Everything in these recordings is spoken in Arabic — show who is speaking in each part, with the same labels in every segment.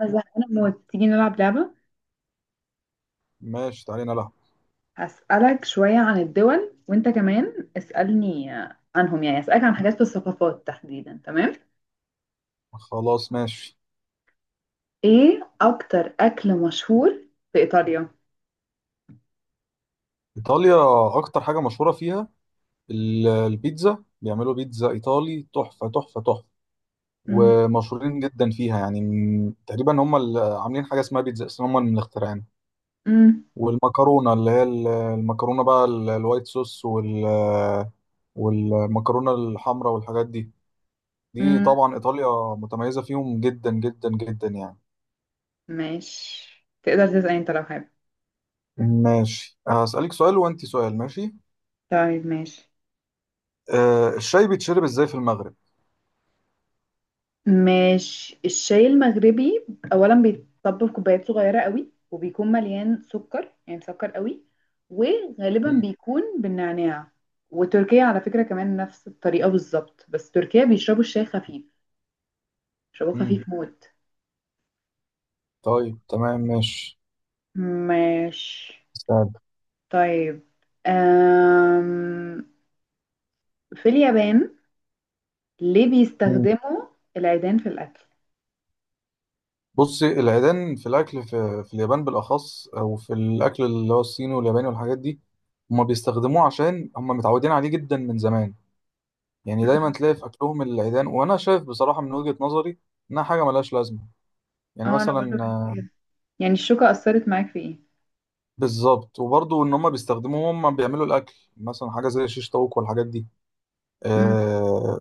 Speaker 1: أنا زهقانة موت. تيجي نلعب لعبة.
Speaker 2: ماشي، تعالي نلعب.
Speaker 1: أسألك شوية عن الدول وأنت كمان اسألني عنهم، يعني أسألك عن حاجات في الثقافات تحديدا. تمام.
Speaker 2: خلاص ماشي.
Speaker 1: إيه أكتر أكل مشهور في إيطاليا؟
Speaker 2: إيطاليا أكتر حاجة مشهورة فيها البيتزا. بيعملوا بيتزا إيطالي تحفة تحفة تحفة،
Speaker 1: مم.
Speaker 2: ومشهورين جدا فيها. يعني تقريبا هم اللي عاملين حاجة اسمها بيتزا أصلا، هم اللي مخترعينها.
Speaker 1: مم.
Speaker 2: والمكرونة اللي هي المكرونة بقى، الوايت صوص والمكرونة الحمراء والحاجات دي. دي
Speaker 1: مم.
Speaker 2: طبعا إيطاليا متميزة فيهم جدا جدا جدا يعني.
Speaker 1: ماشي. تقدر تسأل أنت لو حابب.
Speaker 2: ماشي، هسألك سؤال وأنت سؤال، ماشي.
Speaker 1: طيب ماشي.
Speaker 2: الشاي بيتشرب إزاي في المغرب؟
Speaker 1: ماشي، الشاي المغربي اولا بيتطب في كوبايات صغيره قوي، وبيكون مليان سكر يعني مسكر قوي، وغالبا بيكون بالنعناع. وتركيا على فكره كمان نفس الطريقه بالظبط، بس تركيا بيشربوا الشاي خفيف، بيشربوه خفيف
Speaker 2: مم.
Speaker 1: موت.
Speaker 2: طيب تمام ماشي.
Speaker 1: ماشي.
Speaker 2: استاذ.
Speaker 1: طيب. أم... في اليابان ليه
Speaker 2: مم.
Speaker 1: بيستخدموا العيدان في الاكل؟
Speaker 2: بصي، العيدان في الاكل في اليابان بالاخص، او في الاكل اللي هو الصيني والياباني والحاجات دي، هما بيستخدموه عشان هما متعودين عليه جدا من زمان. يعني دايما
Speaker 1: مم.
Speaker 2: تلاقي في اكلهم العيدان، وانا شايف بصراحه من وجهه نظري انها حاجه ملهاش لازمه. يعني
Speaker 1: اه انا برضه
Speaker 2: مثلا
Speaker 1: بحس كده، يعني الشوكه اثرت معاك في ايه؟
Speaker 2: بالظبط. وبرضه ان هما بيستخدموه، هما بيعملوا الاكل مثلا حاجه زي الشيش طاووق والحاجات دي.
Speaker 1: امم.
Speaker 2: آه.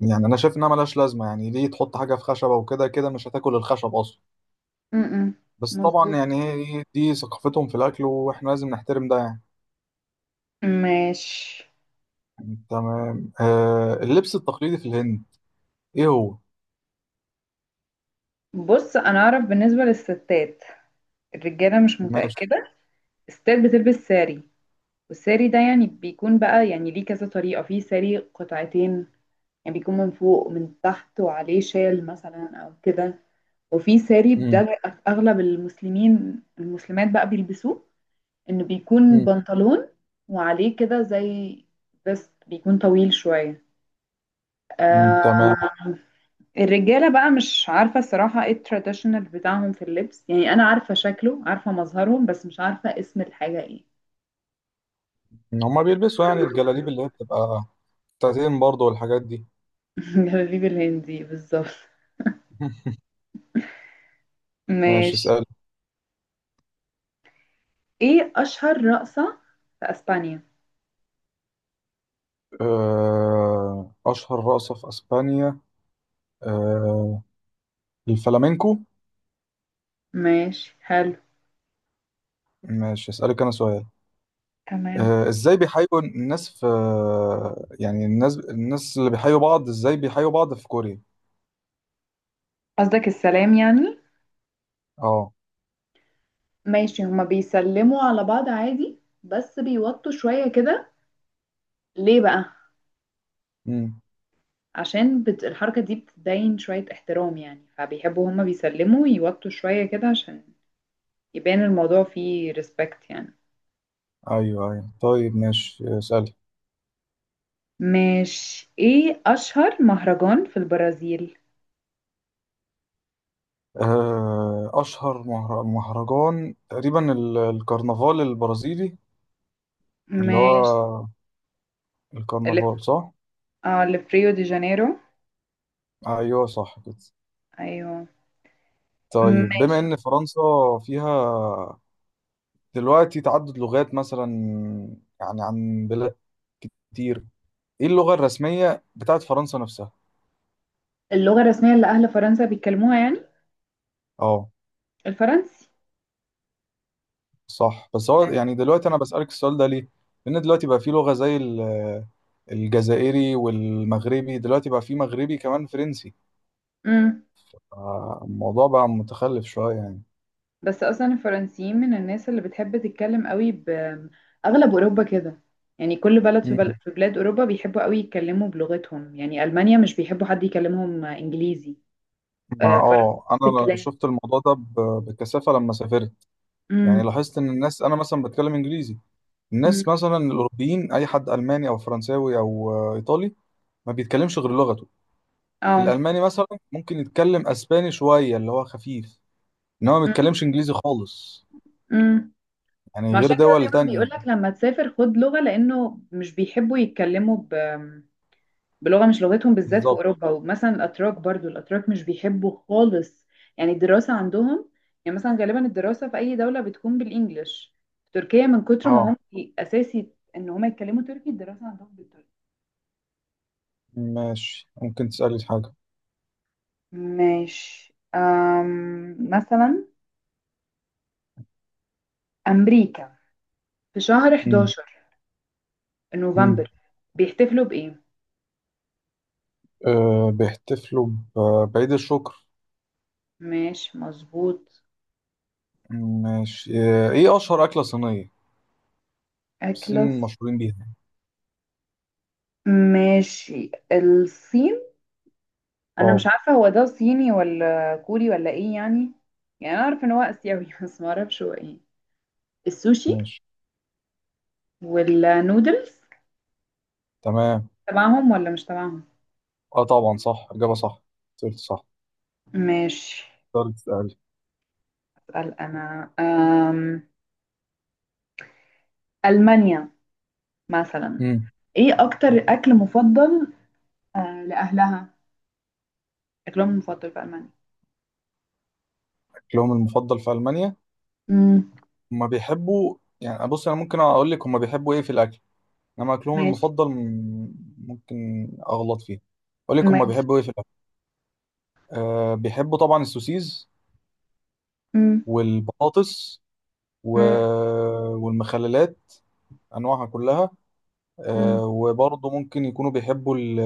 Speaker 2: يعني انا شايف انها ملهاش لازمه. يعني ليه تحط حاجه في خشبه، وكده كده مش هتاكل الخشب اصلا.
Speaker 1: امم.
Speaker 2: بس طبعا
Speaker 1: مظبوط.
Speaker 2: يعني هي دي ثقافتهم في الاكل واحنا لازم نحترم ده يعني.
Speaker 1: ماشي.
Speaker 2: تمام. اللبس التقليدي في الهند ايه هو؟
Speaker 1: بص، انا اعرف بالنسبه للستات، الرجاله مش
Speaker 2: ماشي.
Speaker 1: متاكده. الستات بتلبس ساري. والساري ده يعني بيكون بقى، يعني ليه كذا طريقه في ساري قطعتين، يعني بيكون من فوق ومن تحت وعليه شال مثلا او كده. وفي ساري ده
Speaker 2: مم.
Speaker 1: اغلب المسلمين المسلمات بقى بيلبسوه، انه بيكون
Speaker 2: مم.
Speaker 1: بنطلون وعليه كده زي، بس بيكون طويل شويه.
Speaker 2: مم.
Speaker 1: آه.
Speaker 2: تمام.
Speaker 1: الرجالة بقى مش عارفة الصراحة ايه التراديشنال بتاعهم في اللبس، يعني أنا عارفة شكله، عارفة مظهرهم، بس مش عارفة اسم الحاجة ايه.
Speaker 2: هما بيلبسوا يعني الجلاليب اللي هي بتبقى بتاعتين برضه والحاجات دي.
Speaker 1: جلابيب الهندي بالظبط.
Speaker 2: ماشي،
Speaker 1: ماشي.
Speaker 2: اسال.
Speaker 1: ايه أشهر رقصة في أسبانيا؟
Speaker 2: اشهر رقصة في اسبانيا؟ آه الفلامينكو.
Speaker 1: ماشي حلو.
Speaker 2: ماشي، اسالك انا سؤال.
Speaker 1: تمام.
Speaker 2: ازاي بيحيوا الناس في، يعني الناس اللي بيحيوا بعض، ازاي بيحيوا بعض في كوريا؟
Speaker 1: قصدك السلام يعني؟
Speaker 2: اه.
Speaker 1: ماشي. هما بيسلموا على بعض عادي، بس بيوطوا شوية كده. ليه بقى؟
Speaker 2: مم.
Speaker 1: عشان الحركة دي بتبين شوية احترام يعني، فبيحبوا هما بيسلموا يوطوا شوية كده عشان يبان الموضوع فيه ريسبكت يعني.
Speaker 2: ايوه ايوه طيب، ماشي اسألي.
Speaker 1: مش. ايه اشهر مهرجان في البرازيل؟
Speaker 2: اشهر مهرجان تقريبا الكرنفال البرازيلي، اللي
Speaker 1: مش
Speaker 2: هو
Speaker 1: اللي في،
Speaker 2: الكرنفال، صح.
Speaker 1: اه اللي في ريو دي جانيرو.
Speaker 2: ايوه صح كده.
Speaker 1: ايوه.
Speaker 2: طيب بما
Speaker 1: ماشي.
Speaker 2: ان فرنسا فيها دلوقتي تعدد لغات مثلا، يعني عن بلاد كتير، ايه اللغة الرسمية بتاعت فرنسا نفسها؟
Speaker 1: اللغة الرسمية اللي اهل فرنسا بيتكلموها يعني.
Speaker 2: اه،
Speaker 1: الفرنسي.
Speaker 2: صح. بس هو
Speaker 1: يعني.
Speaker 2: يعني دلوقتي انا بسألك السؤال ده ليه؟ لان دلوقتي بقى في لغة زي الجزائري والمغربي، دلوقتي بقى في مغربي كمان فرنسي.
Speaker 1: امم.
Speaker 2: الموضوع بقى متخلف شوية يعني.
Speaker 1: بس اصلا الفرنسيين من الناس اللي بتحب تتكلم قوي باغلب اوروبا كده، يعني كل بلد
Speaker 2: مم.
Speaker 1: في بلاد اوروبا بيحبوا قوي يتكلموا بلغتهم، يعني المانيا مش بيحبوا حد يكلمهم انجليزي.
Speaker 2: مع
Speaker 1: آه فرنسا نفس
Speaker 2: اه انا
Speaker 1: الكلام.
Speaker 2: شفت الموضوع ده بكثافة لما سافرت. يعني
Speaker 1: امم.
Speaker 2: لاحظت ان الناس، انا مثلا بتكلم انجليزي،
Speaker 1: امم.
Speaker 2: الناس مثلا الاوروبيين اي حد الماني او فرنساوي او ايطالي، ما بيتكلمش غير لغته.
Speaker 1: اه.
Speaker 2: الالماني مثلا ممكن يتكلم اسباني شوية اللي هو خفيف، انما ما
Speaker 1: مم.
Speaker 2: بيتكلمش انجليزي خالص،
Speaker 1: مم.
Speaker 2: يعني
Speaker 1: ما
Speaker 2: غير
Speaker 1: عشان كده
Speaker 2: دول
Speaker 1: دايما بيقول
Speaker 2: تانية.
Speaker 1: لك لما تسافر خد لغة، لأنه مش بيحبوا يتكلموا بلغة مش لغتهم، بالذات في
Speaker 2: بالظبط.
Speaker 1: أوروبا. ومثلا الأتراك برضو، الأتراك مش بيحبوا خالص. يعني الدراسة عندهم، يعني مثلا غالبا الدراسة في أي دولة بتكون بالإنجلش. في تركيا من كتر ما
Speaker 2: اه
Speaker 1: هم أساسي إن هم يتكلموا تركي، الدراسة عندهم بالتركي.
Speaker 2: ماشي، ممكن تسألي في حاجة.
Speaker 1: ماشي. مثلا أمريكا في شهر
Speaker 2: مم.
Speaker 1: 11
Speaker 2: مم.
Speaker 1: نوفمبر بيحتفلوا بإيه؟
Speaker 2: أه، بيحتفلوا بعيد الشكر.
Speaker 1: ماشي مظبوط.
Speaker 2: ماشي. ايه أشهر أكلة صينية الصين
Speaker 1: أكلس.
Speaker 2: مشهورين بيها؟
Speaker 1: ماشي الصين. انا مش
Speaker 2: اه.
Speaker 1: عارفه هو ده صيني ولا كوري ولا ايه يعني، يعني انا اعرف ان هو اسيوي بس ما اعرفش هو ايه. السوشي.
Speaker 2: ماشي
Speaker 1: والنودلز
Speaker 2: تمام.
Speaker 1: تبعهم ولا مش تبعهم؟
Speaker 2: اه طبعا، صح، إجابة صح، سألت صح.
Speaker 1: ماشي.
Speaker 2: تقدر تسألي.
Speaker 1: اسال انا. المانيا مثلا.
Speaker 2: مم.
Speaker 1: ايه اكتر اكل مفضل، لاهلها، اكلهم المفضل في المانيا؟
Speaker 2: أكلهم المفضل في ألمانيا،
Speaker 1: امم.
Speaker 2: هما بيحبوا، يعني بص أنا ممكن أقول لك هما بيحبوا إيه في الأكل. إنما أكلهم
Speaker 1: ماشي.
Speaker 2: المفضل ممكن أغلط فيه. أقول لك هما
Speaker 1: ماشي.
Speaker 2: بيحبوا إيه في الأكل. أه، بيحبوا طبعا السوسيز
Speaker 1: امم.
Speaker 2: والبطاطس و... والمخللات انواعها كلها.
Speaker 1: امم.
Speaker 2: وبرضه ممكن يكونوا بيحبوا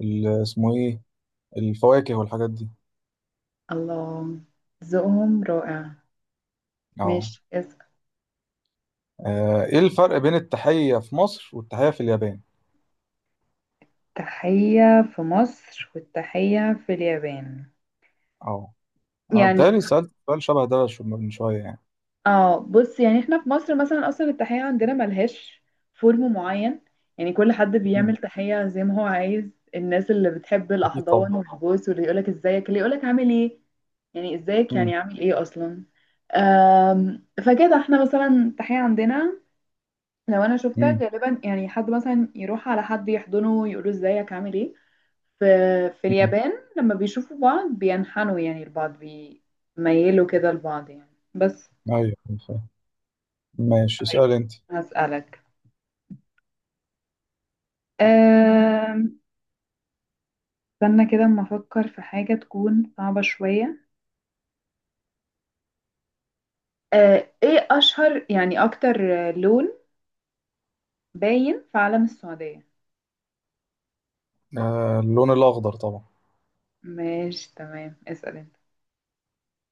Speaker 2: اسمه ايه، الفواكه والحاجات دي.
Speaker 1: الله، ذوقهم رائع.
Speaker 2: اه.
Speaker 1: ماشي.
Speaker 2: ايه الفرق بين التحية في مصر والتحية في اليابان؟
Speaker 1: التحية في مصر والتحية في اليابان؟
Speaker 2: اه، انا
Speaker 1: يعني.
Speaker 2: بتهيألي سألت سؤال شبه ده من شوية يعني.
Speaker 1: اه بص، يعني احنا في مصر مثلا اصلا التحية عندنا ملهاش فورم معين، يعني كل حد
Speaker 2: مم.
Speaker 1: بيعمل تحية زي ما هو عايز. الناس اللي بتحب
Speaker 2: اكيد طبعا.
Speaker 1: الاحضان والبوس، واللي يقولك ازيك، اللي يقولك عامل ايه، يعني ازيك
Speaker 2: مم.
Speaker 1: يعني عامل ايه اصلا. فكده احنا مثلا التحية عندنا، لو انا شفتها
Speaker 2: مم.
Speaker 1: غالبا يعني حد مثلا يروح على حد يحضنه ويقوله ازيك عامل ايه. في في
Speaker 2: مم.
Speaker 1: اليابان لما بيشوفوا بعض بينحنوا، يعني لبعض بيميلوا كده لبعض يعني بس.
Speaker 2: ايوه، فاهم. ماشي
Speaker 1: طيب.
Speaker 2: اسأل انت.
Speaker 1: هسألك. أم، استنى كده اما افكر في حاجة تكون صعبة شوية. ايه اشهر يعني اكتر، لون باين في علم السعودية؟
Speaker 2: اللون الاخضر طبعا.
Speaker 1: ماشي تمام. اسأل انت.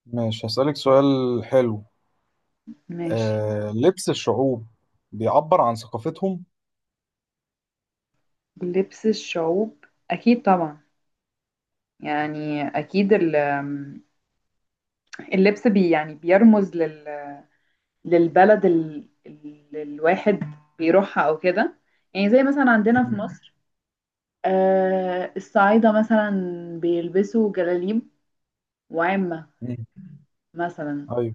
Speaker 2: ماشي، هسألك سؤال حلو.
Speaker 1: ماشي.
Speaker 2: لبس الشعوب بيعبر عن ثقافتهم.
Speaker 1: لبس الشعوب؟ اكيد طبعا. يعني اكيد اللبس يعني بيرمز للبلد، اللي الواحد بيروحها او كده. يعني زي مثلا عندنا في
Speaker 2: مم.
Speaker 1: مصر. آه الصعايدة مثلا بيلبسوا جلاليب وعمة
Speaker 2: مم.
Speaker 1: مثلا.
Speaker 2: ايوه،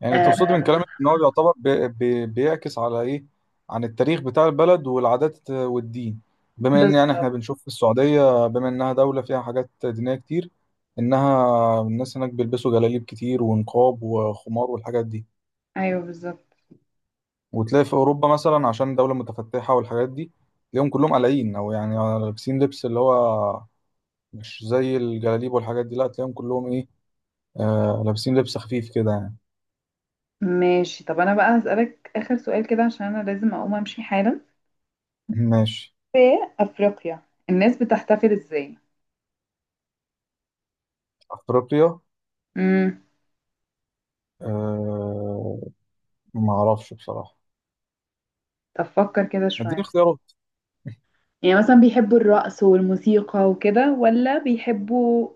Speaker 2: يعني تقصدي من
Speaker 1: آه.
Speaker 2: كلامك ان هو يعتبر بي بيعكس على ايه، عن التاريخ بتاع البلد والعادات والدين، بما ان يعني احنا
Speaker 1: بالظبط.
Speaker 2: بنشوف في السعودية بما انها دولة فيها حاجات دينية كتير. انها الناس هناك بيلبسوا جلاليب كتير ونقاب وخمار والحاجات دي.
Speaker 1: ايوه بالظبط.
Speaker 2: وتلاقي في اوروبا مثلا عشان دولة متفتحة والحاجات دي، تلاقيهم كلهم قلعين، او يعني لابسين لبس اللي هو مش زي الجلاليب والحاجات دي، لا تلاقيهم كلهم ايه، لابسين لبس خفيف كده يعني.
Speaker 1: ماشي. طب انا بقى هسألك اخر سؤال كده عشان انا لازم اقوم امشي حالا.
Speaker 2: ماشي.
Speaker 1: في افريقيا الناس بتحتفل ازاي؟
Speaker 2: افريقيا.
Speaker 1: امم.
Speaker 2: أه، ما اعرفش بصراحة.
Speaker 1: طب فكر كده
Speaker 2: اديني
Speaker 1: شوية.
Speaker 2: اختيارات.
Speaker 1: يعني مثلا بيحبوا الرقص والموسيقى وكده، ولا بيحبوا،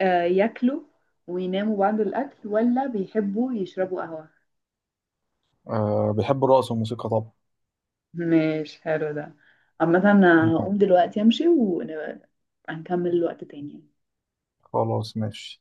Speaker 1: ياكلوا ويناموا بعد الأكل، ولا بيحبوا يشربوا قهوة؟
Speaker 2: أه، بيحب الرقص والموسيقى طبعا.
Speaker 1: مش حلو ده. عامة أنا هقوم دلوقتي أمشي، ونبقى نكمل وقت تاني.
Speaker 2: خلاص ماشي.